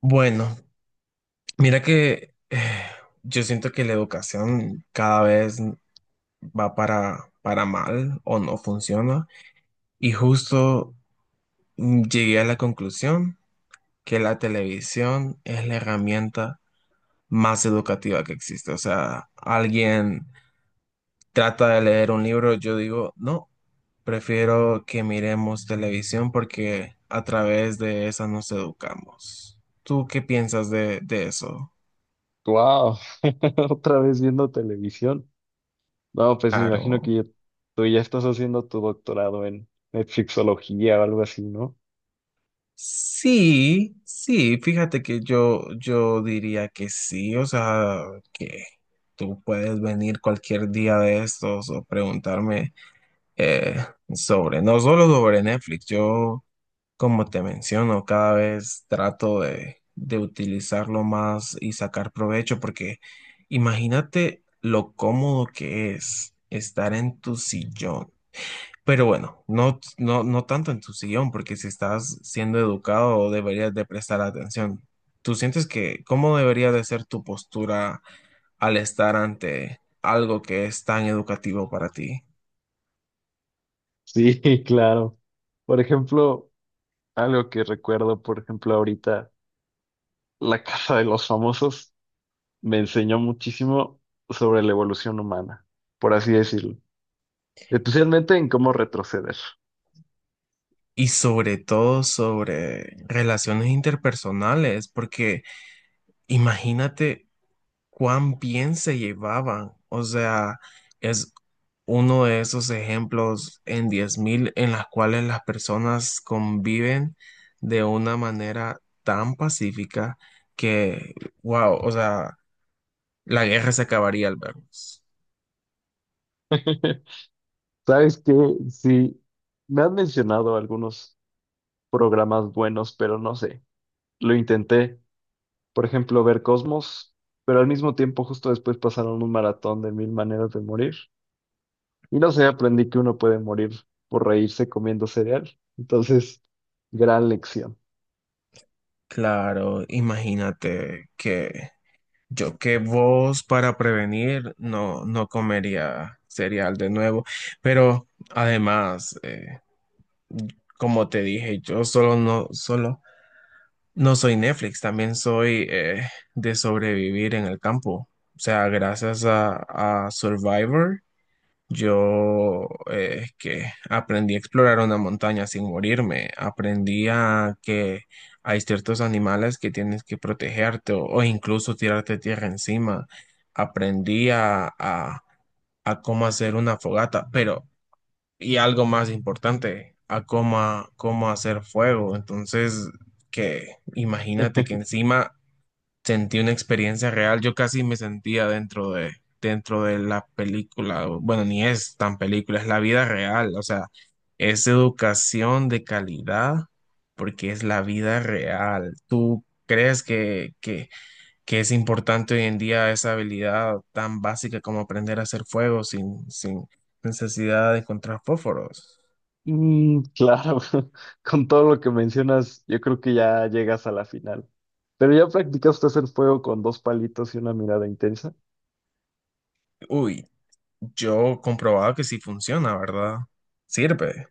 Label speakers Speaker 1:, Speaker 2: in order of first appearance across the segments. Speaker 1: Bueno, mira que yo siento que la educación cada vez va para mal o no funciona. Y justo llegué a la conclusión que la televisión es la herramienta más educativa que existe. O sea, alguien trata de leer un libro, yo digo, no, prefiero que miremos televisión porque a través de esa nos educamos. ¿Tú qué piensas de eso?
Speaker 2: Wow, otra vez viendo televisión. No, pues me imagino
Speaker 1: Claro.
Speaker 2: que tú ya estás haciendo tu doctorado en Netflixología o algo así, ¿no?
Speaker 1: Sí, sí, fíjate que yo diría que sí, o sea, que tú puedes venir cualquier día de estos o preguntarme eh, sobre, no solo sobre Netflix, yo, como te menciono, cada vez trato de utilizarlo más y sacar provecho, porque imagínate lo cómodo que es estar en tu sillón, pero bueno, no tanto en tu sillón, porque si estás siendo educado deberías de prestar atención. ¿Tú sientes que cómo debería de ser tu postura al estar ante algo que es tan educativo para ti?
Speaker 2: Sí, claro. Por ejemplo, algo que recuerdo, por ejemplo, ahorita, La Casa de los Famosos me enseñó muchísimo sobre la evolución humana, por así decirlo. Especialmente en cómo retroceder.
Speaker 1: Y sobre todo sobre relaciones interpersonales, porque imagínate cuán bien se llevaban. O sea, es uno de esos ejemplos en 10.000 en las cuales las personas conviven de una manera tan pacífica que, wow, o sea, la guerra se acabaría al vernos.
Speaker 2: ¿Sabes qué? Sí, me han mencionado algunos programas buenos, pero no sé. Lo intenté, por ejemplo, ver Cosmos, pero al mismo tiempo justo después pasaron un maratón de mil maneras de morir. Y no sé, aprendí que uno puede morir por reírse comiendo cereal. Entonces, gran lección.
Speaker 1: Claro, imagínate que yo que vos, para prevenir, no comería cereal de nuevo, pero además, como te dije, yo solo no, solo no soy Netflix, también soy de sobrevivir en el campo. O sea, gracias a Survivor, yo que aprendí a explorar una montaña sin morirme. Aprendí a que hay ciertos animales que tienes que protegerte o incluso tirarte tierra encima. Aprendí a, a, a cómo hacer una fogata, pero y algo más importante, cómo hacer fuego. Entonces, que imagínate que encima sentí una experiencia real. Yo casi me sentía dentro de la película. Bueno, ni es tan película, es la vida real. O sea, es educación de calidad porque es la vida real. ¿Tú crees que es importante hoy en día esa habilidad tan básica como aprender a hacer fuego sin necesidad de encontrar fósforos?
Speaker 2: Mm, claro, con todo lo que mencionas, yo creo que ya llegas a la final. Pero ya practicaste hacer fuego con dos palitos y una mirada intensa.
Speaker 1: Uy, yo comprobado que sí funciona, ¿verdad? Sirve,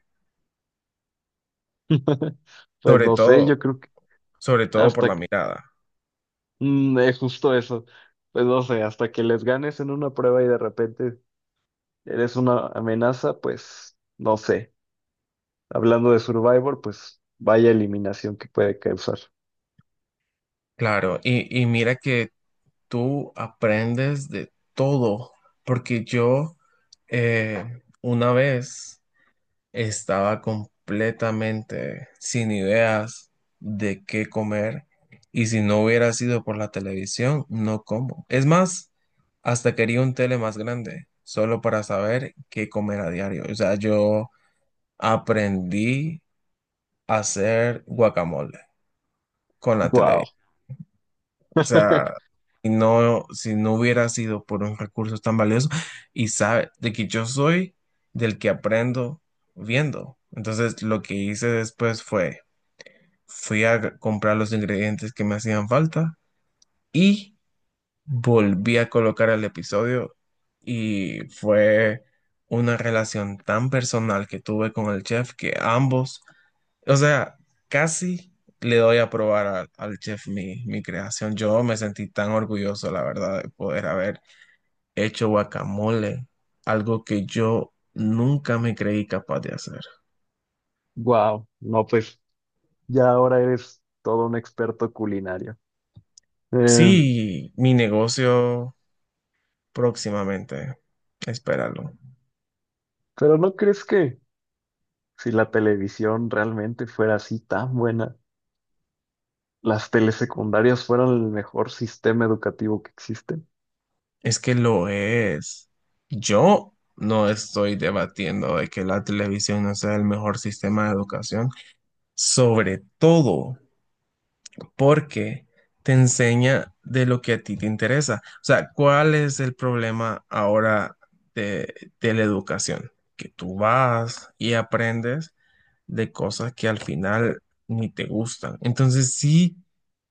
Speaker 2: Pues
Speaker 1: sobre
Speaker 2: no sé,
Speaker 1: todo,
Speaker 2: yo creo que
Speaker 1: sobre todo por la
Speaker 2: hasta que,
Speaker 1: mirada.
Speaker 2: es justo eso. Pues no sé, hasta que les ganes en una prueba y de repente eres una amenaza, pues no sé. Hablando de Survivor, pues vaya eliminación que puede causar.
Speaker 1: Claro, y mira que tú aprendes de todo, porque yo una vez estaba completamente sin ideas de qué comer, y si no hubiera sido por la televisión, no como. Es más, hasta quería un tele más grande, solo para saber qué comer a diario. O sea, yo... aprendí a hacer guacamole con la
Speaker 2: Wow.
Speaker 1: televisión. O sea, y no, si no hubiera sido por un recurso tan valioso, y sabe, de que yo soy del que aprendo viendo. Entonces, lo que hice después fue, fui a comprar los ingredientes que me hacían falta y volví a colocar el episodio, y fue una relación tan personal que tuve con el chef que ambos... O sea, casi le doy a probar al chef mi creación. Yo me sentí tan orgulloso, la verdad, de poder haber hecho guacamole, algo que yo nunca me creí capaz de hacer.
Speaker 2: Wow. No, pues ya ahora eres todo un experto culinario. Eh,
Speaker 1: Sí, mi negocio próximamente, espéralo.
Speaker 2: pero ¿no crees que si la televisión realmente fuera así tan buena, las telesecundarias fueran el mejor sistema educativo que existe?
Speaker 1: Es que lo es. Yo no estoy debatiendo de que la televisión no sea el mejor sistema de educación, sobre todo, porque te enseña de lo que a ti te interesa. O sea, ¿cuál es el problema ahora de la educación? Que tú vas y aprendes de cosas que al final ni te gustan. Entonces, si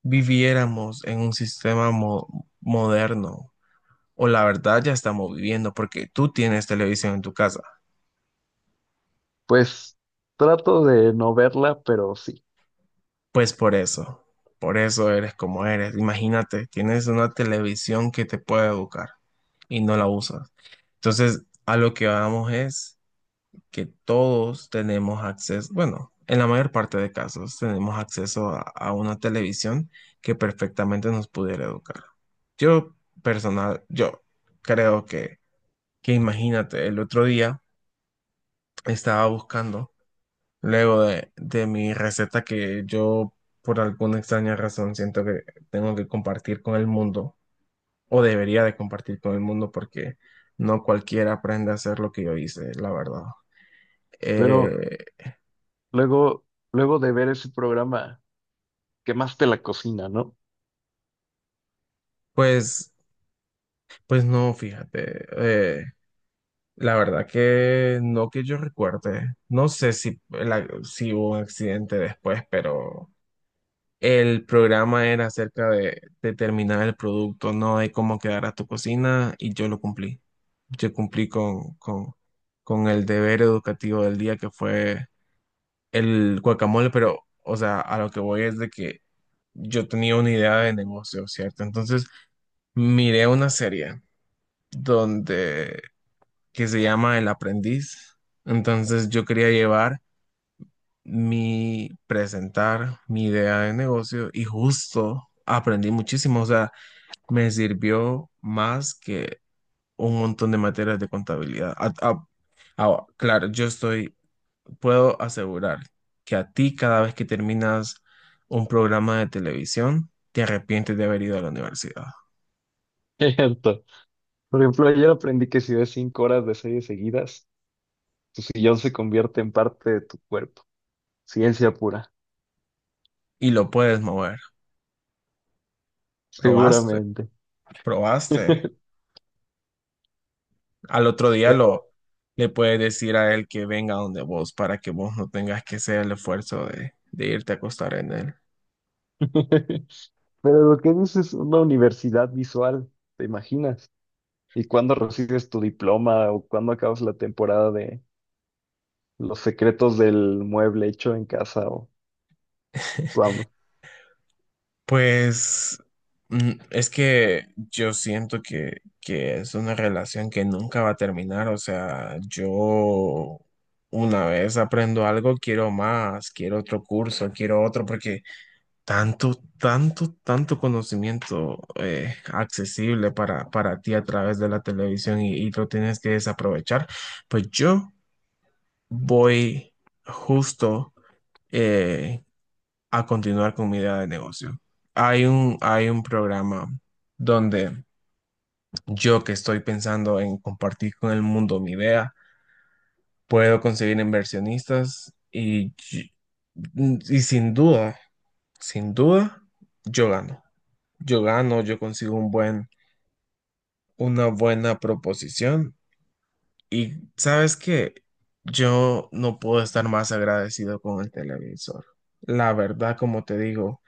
Speaker 1: viviéramos en un sistema moderno, o la verdad ya estamos viviendo, porque tú tienes televisión en tu casa.
Speaker 2: Pues trato de no verla, pero sí.
Speaker 1: Pues por eso eres como eres. Imagínate, tienes una televisión que te puede educar y no la usas. Entonces, a lo que vamos es que todos tenemos acceso, bueno, en la mayor parte de casos tenemos acceso a una televisión que perfectamente nos pudiera educar. Yo personal, yo creo que imagínate, el otro día estaba buscando... Luego de mi receta, que yo por alguna extraña razón siento que tengo que compartir con el mundo, o debería de compartir con el mundo porque no cualquiera aprende a hacer lo que yo hice, la verdad.
Speaker 2: Pero
Speaker 1: Eh,
Speaker 2: luego, luego de ver ese programa, quemaste la cocina, ¿no?
Speaker 1: pues, pues no, fíjate, eh, la verdad que no que yo recuerde, no sé si, si hubo un accidente después, pero el programa era acerca de terminar el producto, no de cómo quedara tu cocina, y yo lo cumplí. Yo cumplí con el deber educativo del día, que fue el guacamole, pero, o sea, a lo que voy es de que yo tenía una idea de negocio, ¿cierto? Entonces miré una serie donde, que se llama El Aprendiz. Entonces yo quería llevar mi idea de negocio, y justo aprendí muchísimo, o sea, me sirvió más que un montón de materias de contabilidad. Claro, yo estoy, puedo asegurar que a ti cada vez que terminas un programa de televisión, te arrepientes de haber ido a la universidad,
Speaker 2: Cierto. Por ejemplo, ayer aprendí que si ves 5 horas de series seguidas, tu sillón se convierte en parte de tu cuerpo. Ciencia pura,
Speaker 1: y lo puedes mover. Probaste,
Speaker 2: seguramente.
Speaker 1: probaste. Al otro día lo...
Speaker 2: Pero,
Speaker 1: le puedes decir a él que venga donde vos para que vos no tengas que hacer el esfuerzo de irte a acostar en él.
Speaker 2: pero lo que dices es una universidad visual, ¿te imaginas? ¿Y cuándo recibes tu diploma o cuándo acabas la temporada de Los secretos del mueble hecho en casa o cuándo?
Speaker 1: Pues es que yo siento que es una relación que nunca va a terminar. O sea, yo una vez aprendo algo, quiero más, quiero otro curso, quiero otro, porque tanto, tanto, tanto conocimiento accesible para ti a través de la televisión, y lo tienes que desaprovechar. Pues yo voy justo eh, a continuar con mi idea de negocio. Hay un programa donde yo, que estoy pensando en compartir con el mundo mi idea, puedo conseguir inversionistas y sin duda, sin duda, yo gano. Yo gano, yo consigo un buen, una buena proposición. Y sabes que yo no puedo estar más agradecido con el televisor. La verdad, como te digo,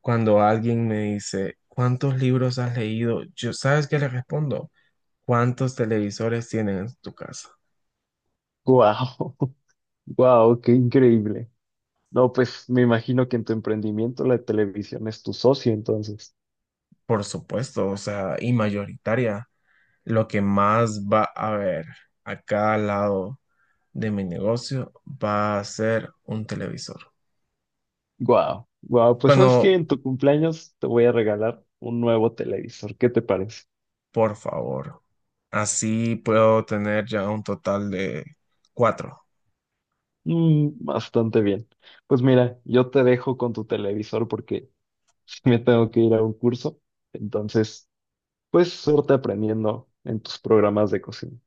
Speaker 1: cuando alguien me dice, ¿cuántos libros has leído? Yo, ¿sabes qué le respondo? ¿Cuántos televisores tienen en tu casa?
Speaker 2: ¡Guau! ¡Guau! ¡Qué increíble! No, pues me imagino que en tu emprendimiento la televisión es tu socio, entonces.
Speaker 1: Por supuesto, o sea, y mayoritaria, lo que más va a haber a cada lado de mi negocio va a ser un televisor.
Speaker 2: Wow, wow, pues sabes que
Speaker 1: Cuando,
Speaker 2: en tu cumpleaños te voy a regalar un nuevo televisor. ¿Qué te parece?
Speaker 1: por favor. Así puedo tener ya un total de cuatro.
Speaker 2: Mm, bastante bien. Pues mira, yo te dejo con tu televisor porque me tengo que ir a un curso. Entonces, pues suerte aprendiendo en tus programas de cocina.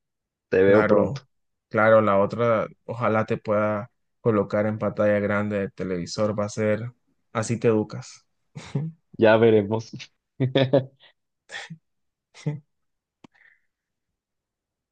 Speaker 2: Te veo pronto.
Speaker 1: Claro, claro, la otra, ojalá te pueda colocar en pantalla grande del televisor, va a ser, así te educas.
Speaker 2: Ya veremos.